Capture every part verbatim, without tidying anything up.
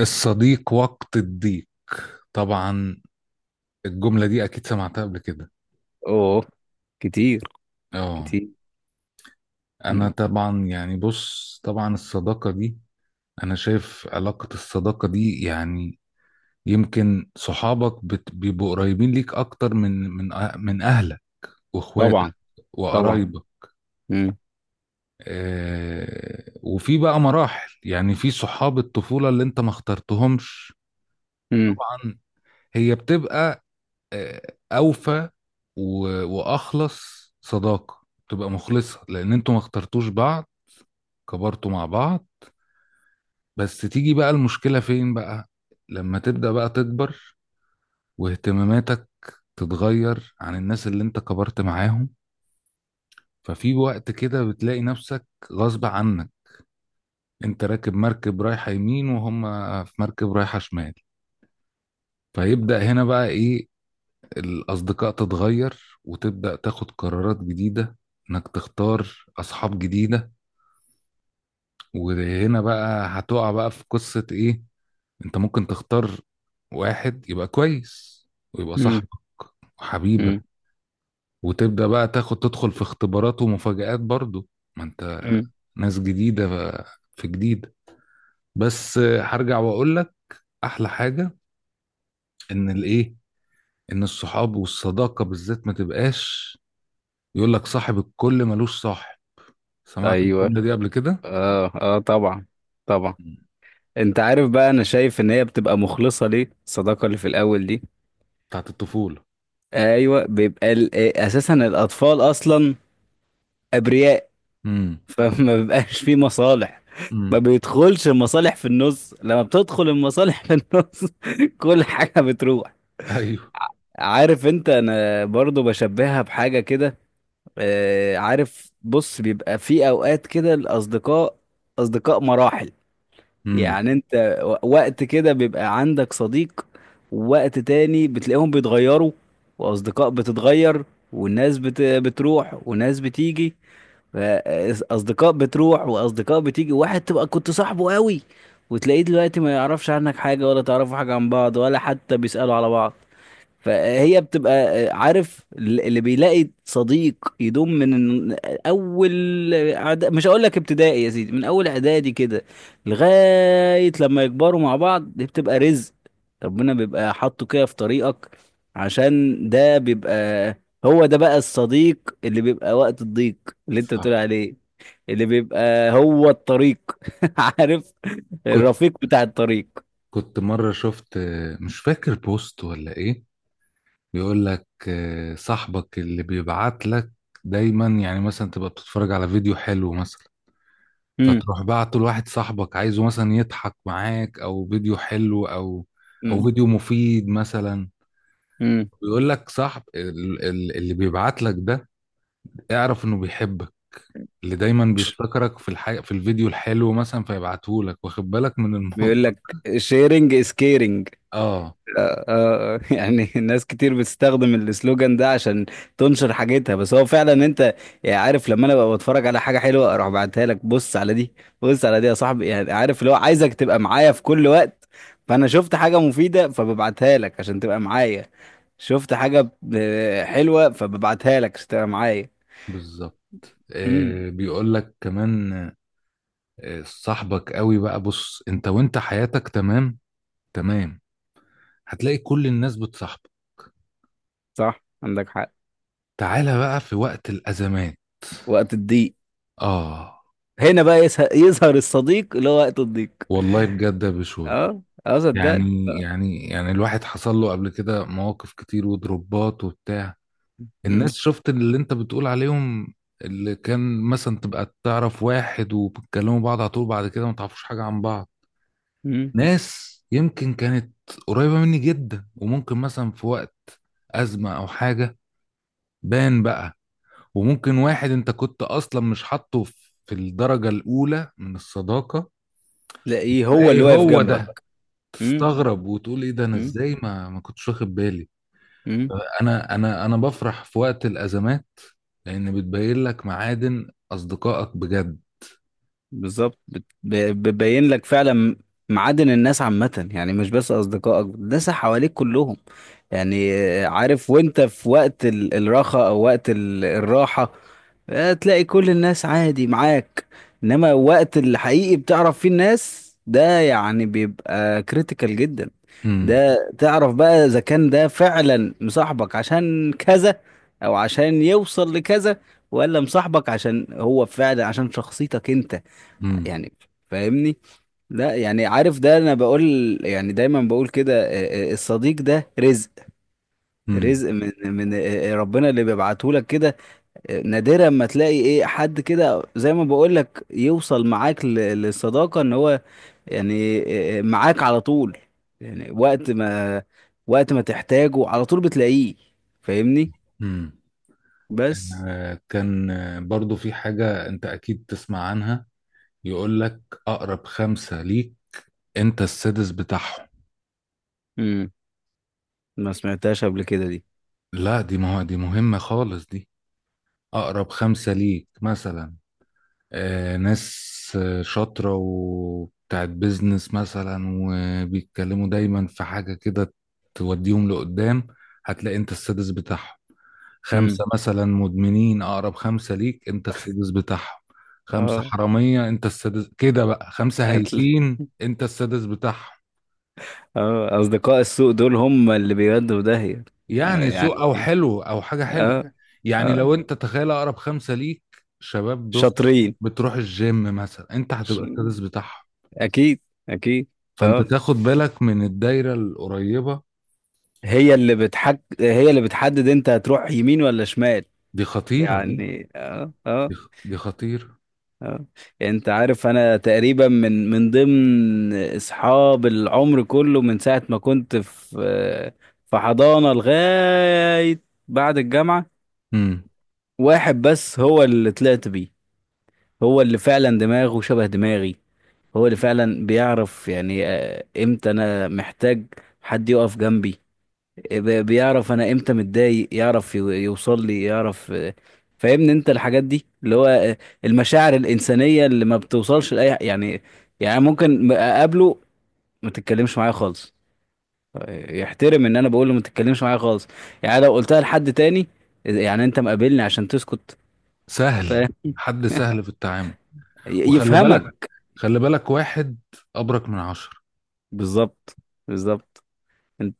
الصديق وقت الضيق. طبعا. الجملة دي أكيد سمعتها قبل كده. اوه. كتير. اه، كتير. أنا مم. طبعا يعني بص طبعا الصداقة دي، أنا شايف علاقة الصداقة دي يعني يمكن صحابك بت- بيبقوا قريبين ليك أكتر من من أه- من أهلك وإخواتك طبعا. طبعا. وقرايبك. مم. آه وفي بقى مراحل، يعني في صحاب الطفولة اللي أنت ما اخترتهمش. مم. طبعا. هي بتبقى آه، اوفى و- واخلص صداقه. تبقى مخلصه لان انتوا ما اخترتوش بعض، كبرتوا مع بعض. بس تيجي بقى المشكله فين بقى؟ لما تبدا بقى تكبر واهتماماتك تتغير عن الناس اللي انت كبرت معاهم، ففي وقت كده بتلاقي نفسك غصب عنك انت راكب مركب رايحه يمين وهم في مركب رايحه شمال. فيبدا هنا بقى ايه؟ الأصدقاء تتغير، وتبدأ تاخد قرارات جديدة إنك تختار أصحاب جديدة. وهنا بقى هتقع بقى في قصة إيه؟ أنت ممكن تختار واحد يبقى كويس ويبقى مم. صاحبك وحبيبك، مم. وتبدأ بقى تاخد تدخل في اختبارات ومفاجآت برضو. ما أنت مم. ناس جديدة ف- في جديد. بس هرجع وأقول لك أحلى حاجة، إن الإيه، إن الصحاب والصداقة بالذات ما تبقاش يقول لك صاحب الكل ملوش صاحب. سمعت ايوه. الجملة دي قبل كده؟ اه، اه، طبعا. طبعا. مم. انت عارف بقى، انا شايف ان هي بتبقى مخلصة، ليه الصداقة اللي في الاول دي. بتاعت الطفولة. ايوه، بيبقى ال- آه، اساسا الاطفال اصلا ابرياء. امم. فما بيبقاش فيه مصالح. ما امم. بيدخلش المصالح في النص. لما بتدخل المصالح في النص. كل حاجة بتروح. ايوه. عارف انت، انا برضو بشبهها بحاجة كده. آه، عارف بص، بيبقى في اوقات كده الاصدقاء اصدقاء مراحل. امم. يعني انت و- وقت كده بيبقى عندك صديق، ووقت تاني بتلاقيهم بيتغيروا، واصدقاء بتتغير، والناس بت... بتروح وناس بتيجي. ف- اصدقاء بتروح واصدقاء بتيجي. واحد تبقى كنت صاحبه قوي وتلاقيه دلوقتي ما يعرفش عنك حاجة، ولا تعرفوا حاجة عن بعض، ولا حتى بيسألوا على بعض. فهي بتبقى. آه، عارف، ال- اللي بيلاقي صديق يدوم من اول إعدا- مش هقول لك ابتدائي يا سيدي، من اول اعدادي كده لغاية لما يكبروا مع بعض، دي بتبقى رزق ربنا بيبقى حاطه كده في طريقك. عشان ده بيبقى، هو ده بقى الصديق اللي بيبقى وقت الضيق اللي انت بتقول صح. عليه، اللي بيبقى هو الطريق. عارف، كنت الرفيق بتاع الطريق. كنت مرة شفت، آه، مش فاكر بوست ولا ايه، بيقول لك آه، صاحبك اللي بيبعت لك دايما، يعني مثلا تبقى بتتفرج على فيديو حلو مثلا امم. فتروح بعته لواحد صاحبك، عايزه مثلا يضحك معاك او فيديو حلو او او امم. فيديو مفيد مثلا. امم. بيقول لك صاحب ال- ال- اللي بيبعت لك ده، اعرف انه بيحبك، اللي دايما بيفتكرك في الح... في الفيديو الحلو مثلا فيبعتهولك واخد بالك من الموضوع. بيقول لك شيرنج از كيرنج. اه. يعني ناس كتير بتستخدم السلوجان ده عشان تنشر حاجتها، بس هو فعلا انت يعني عارف، لما انا ببقى بتفرج على حاجه حلوه اروح بعتها لك، بص على دي، بص على دي يا صاحبي. يعني عارف، اللي هو عايزك تبقى معايا في كل وقت. فانا شفت حاجه مفيده فببعتها لك عشان تبقى معايا. شفت حاجه آه، حلوه فببعتها لك عشان تبقى معايا. بالظبط. امم. آه بيقول لك كمان، آه صاحبك قوي بقى، بص انت وانت حياتك تمام تمام، هتلاقي كل الناس بتصاحبك. صح، عندك حق. تعالى بقى في وقت الأزمات. وقت الضيق، اه. هنا بقى يسه- يظهر الصديق اللي هو وقت الضيق. والله بجد يا بشوي. اه، اه، صدقني. يعني يعني يعني الواحد حصل له قبل كده مواقف كتير وضربات وبتاع. الناس مم. شفت اللي انت بتقول عليهم، اللي كان مثلا تبقى تعرف واحد وبتكلموا بعض على طول، بعد كده ما تعرفوش حاجة عن بعض. مم. ناس يمكن كانت قريبة مني جدا، وممكن مثلا في وقت أزمة أو حاجة بان بقى. وممكن واحد انت كنت أصلا مش حاطه في في الدرجة الأولى من الصداقة، تلاقيه هو اللي تلاقي واقف هو ده. جنبك. مم. تستغرب وتقول ايه ده، انا مم. ازاي ما ما كنتش واخد بالي. مم. انا انا انا بفرح في وقت الأزمات لان بتبين لك معادن اصدقائك بجد. بالظبط، بت- ب- بتبين لك فعلا معادن الناس عامة، يعني مش بس أصدقائك، الناس اللي حواليك كلهم. يعني آه، عارف، وانت في وقت ال- الراحة أو وقت ال- الراحة، آه، تلاقي كل الناس عادي معاك. إنما وقت الحقيقي بتعرف فيه الناس، ده يعني بيبقى كريتيكال جدا. امم. ده تعرف بقى إذا كان ده فعلا مصاحبك عشان كذا، أو عشان يوصل لكذا، ولا مصاحبك عشان هو فعلا عشان شخصيتك انت. امم. يعني، فاهمني؟ لا، يعني عارف، ده انا بقول، يعني دايما بقول كده، آه، آه، الصديق ده رزق. امم. رزق من من آه، آه، ربنا اللي بيبعته لك كده. آه، نادرا ما تلاقي ايه حد كده زي ما بقول لك يوصل معاك ل- للصداقة، ان هو يعني آه، آه، معاك على طول. يعني وقت ما وقت ما تحتاجه على طول بتلاقيه. فاهمني؟ امم. بس. آه، كان آه، برضو في حاجة انت اكيد تسمع عنها، يقول لك اقرب خمسة ليك انت السادس بتاعهم. امم. ما سمعتهاش قبل كده دي. لا، دي ما هو دي مهمة خالص دي. اقرب خمسة ليك مثلا آه، ناس آه، شاطرة وبتاعت بيزنس مثلا، وبيتكلموا دايما في حاجة كده توديهم لقدام، هتلاقي انت السادس بتاعهم. امم. خمسة مثلا مدمنين أقرب خمسة ليك أنت السادس بتاعهم. خمسة اه، حرامية أنت السادس كده بقى. خمسة هايفين أنت السادس بتاعهم. اه، اصدقاء السوق دول هم اللي بيودوا في داهية. آه، يعني يعني سوء أو ايه. حلو أو حاجة حلوة، اه. يعني اه، لو أنت تخيل أقرب خمسة ليك شباب بص شاطرين. بتروح الجيم مثلا، أنت ش- هتبقى السادس بتاعهم. اكيد. اكيد. فأنت اه، تاخد بالك من الدايرة القريبة. هي اللي بتحك، هي اللي بتحدد انت هتروح يمين ولا شمال. دي خطيرة دي. يعني اه. دي اه. خ- دي خطيرة. اه، انت عارف، انا تقريبا من من ضمن اصحاب العمر كله، من ساعة ما كنت في في حضانة لغاية بعد الجامعة، امم. واحد بس هو اللي طلعت بيه. هو اللي فعلا دماغه شبه دماغي، هو اللي فعلا بيعرف يعني آه، امتى انا محتاج حد يقف جنبي. ب- بيعرف انا امتى متضايق، يعرف يو- يوصل لي، يعرف. آه، فاهمني انت الحاجات دي اللي هو آه، المشاعر الانسانيه اللي ما بتوصلش لاي ح- يعني. يعني ممكن م- اقابله، ما تتكلمش معايا خالص، آه، يحترم ان انا بقول له ما تتكلمش معايا خالص. يعني لو قلتها لحد تاني يعني انت مقابلني عشان تسكت. ف- سهل. حد سهل في التعامل. وخلي بالك، يفهمك. خلي بالك واحد أبرك من عشرة بالظبط. بالظبط. انت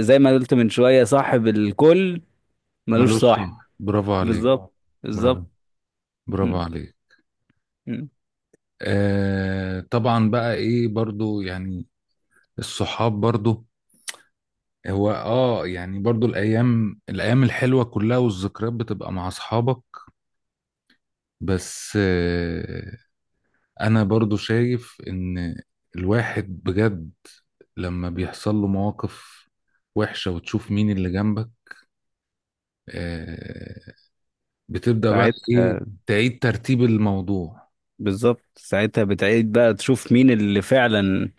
زي ما قلت من شوية، صاحب الكل ملوش ملوش صاحب. سمع. برافو عليك. بالظبط آه. برافو. بالظبط. م- برافو عليك. م. آه طبعا بقى إيه برضو يعني الصحاب برضو، هو آه يعني برضو الأيام الأيام الحلوة كلها والذكريات بتبقى مع أصحابك. بس آه أنا برضو شايف إن الواحد بجد لما بيحصل له مواقف وحشة وتشوف مين اللي جنبك، آه، بتبدأ بقى ايه؟ ساعتها. تعيد ترتيب الموضوع. بالظبط، ساعتها بتعيد بقى تشوف مين اللي فعلا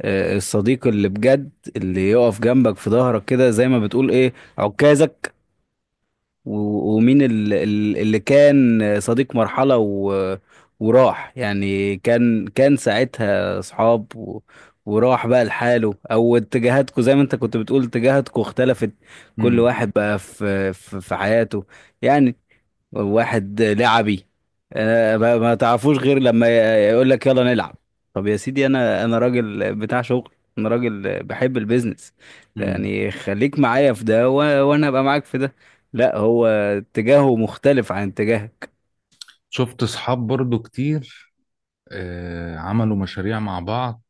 آه، الصديق اللي بجد اللي يقف جنبك في ظهرك كده، زي ما بتقول ايه، عكازك. و- ومين ال- ال- اللي كان صديق مرحلة و... وراح يعني. كان كان ساعتها صحاب و... وراح بقى لحاله، او اتجاهاتكم زي ما انت كنت بتقول اتجاهاتكم اختلفت. كل امم. واحد بقى في في, في حياته. يعني واحد لعبي، آه، ما ما تعرفوش غير لما يقول لك يلا نلعب. طب يا سيدي، انا انا راجل بتاع شغل، انا راجل بحب البيزنس. امم. يعني خليك معايا في ده، و- وانا ابقى معاك في ده. لا، هو اتجاهه مختلف عن اتجاهك. شفت اصحاب برضو كتير آه عملوا مشاريع مع بعض،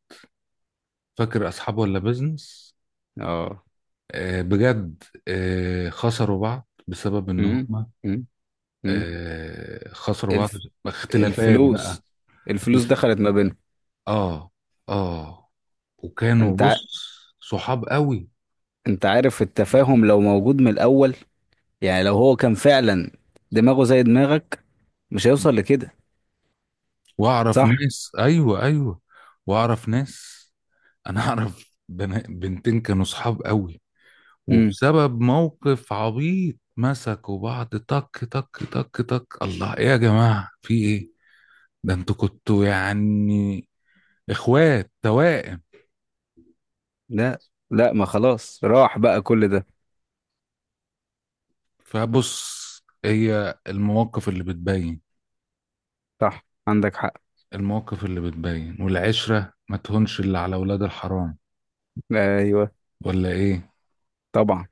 فاكر اصحاب ولا بيزنس؟ اه. آه بجد، آه خسروا بعض بسبب ان امم. هم، امم. امم. آه خسروا بعض. الف... اختلافات بقى. الفلوس الفلوس دخلت ما بينهم. اه. اه. وكانوا انت ع... بص صحاب قوي. انت عارف، التفاهم لو موجود من الاول، يعني لو هو كان فعلا دماغه زي دماغك، مش هيوصل لكده. واعرف صح. ناس، ايوه ايوه، واعرف ناس. انا اعرف بنا- بنتين كانوا صحاب قوي، وبسبب موقف عبيط مسكوا بعض تك تك تك تك. الله، ايه يا جماعة، في ايه؟ ده انتوا كنتوا يعني اخوات توائم. لا، لا، ما خلاص راح بقى كل ده. فبص، هي المواقف اللي بتبين. صح، عندك حق. المواقف اللي بتبين، والعشرة ما تهونش اللي على ولاد الحرام ايوه. ولا ايه؟ طبعا.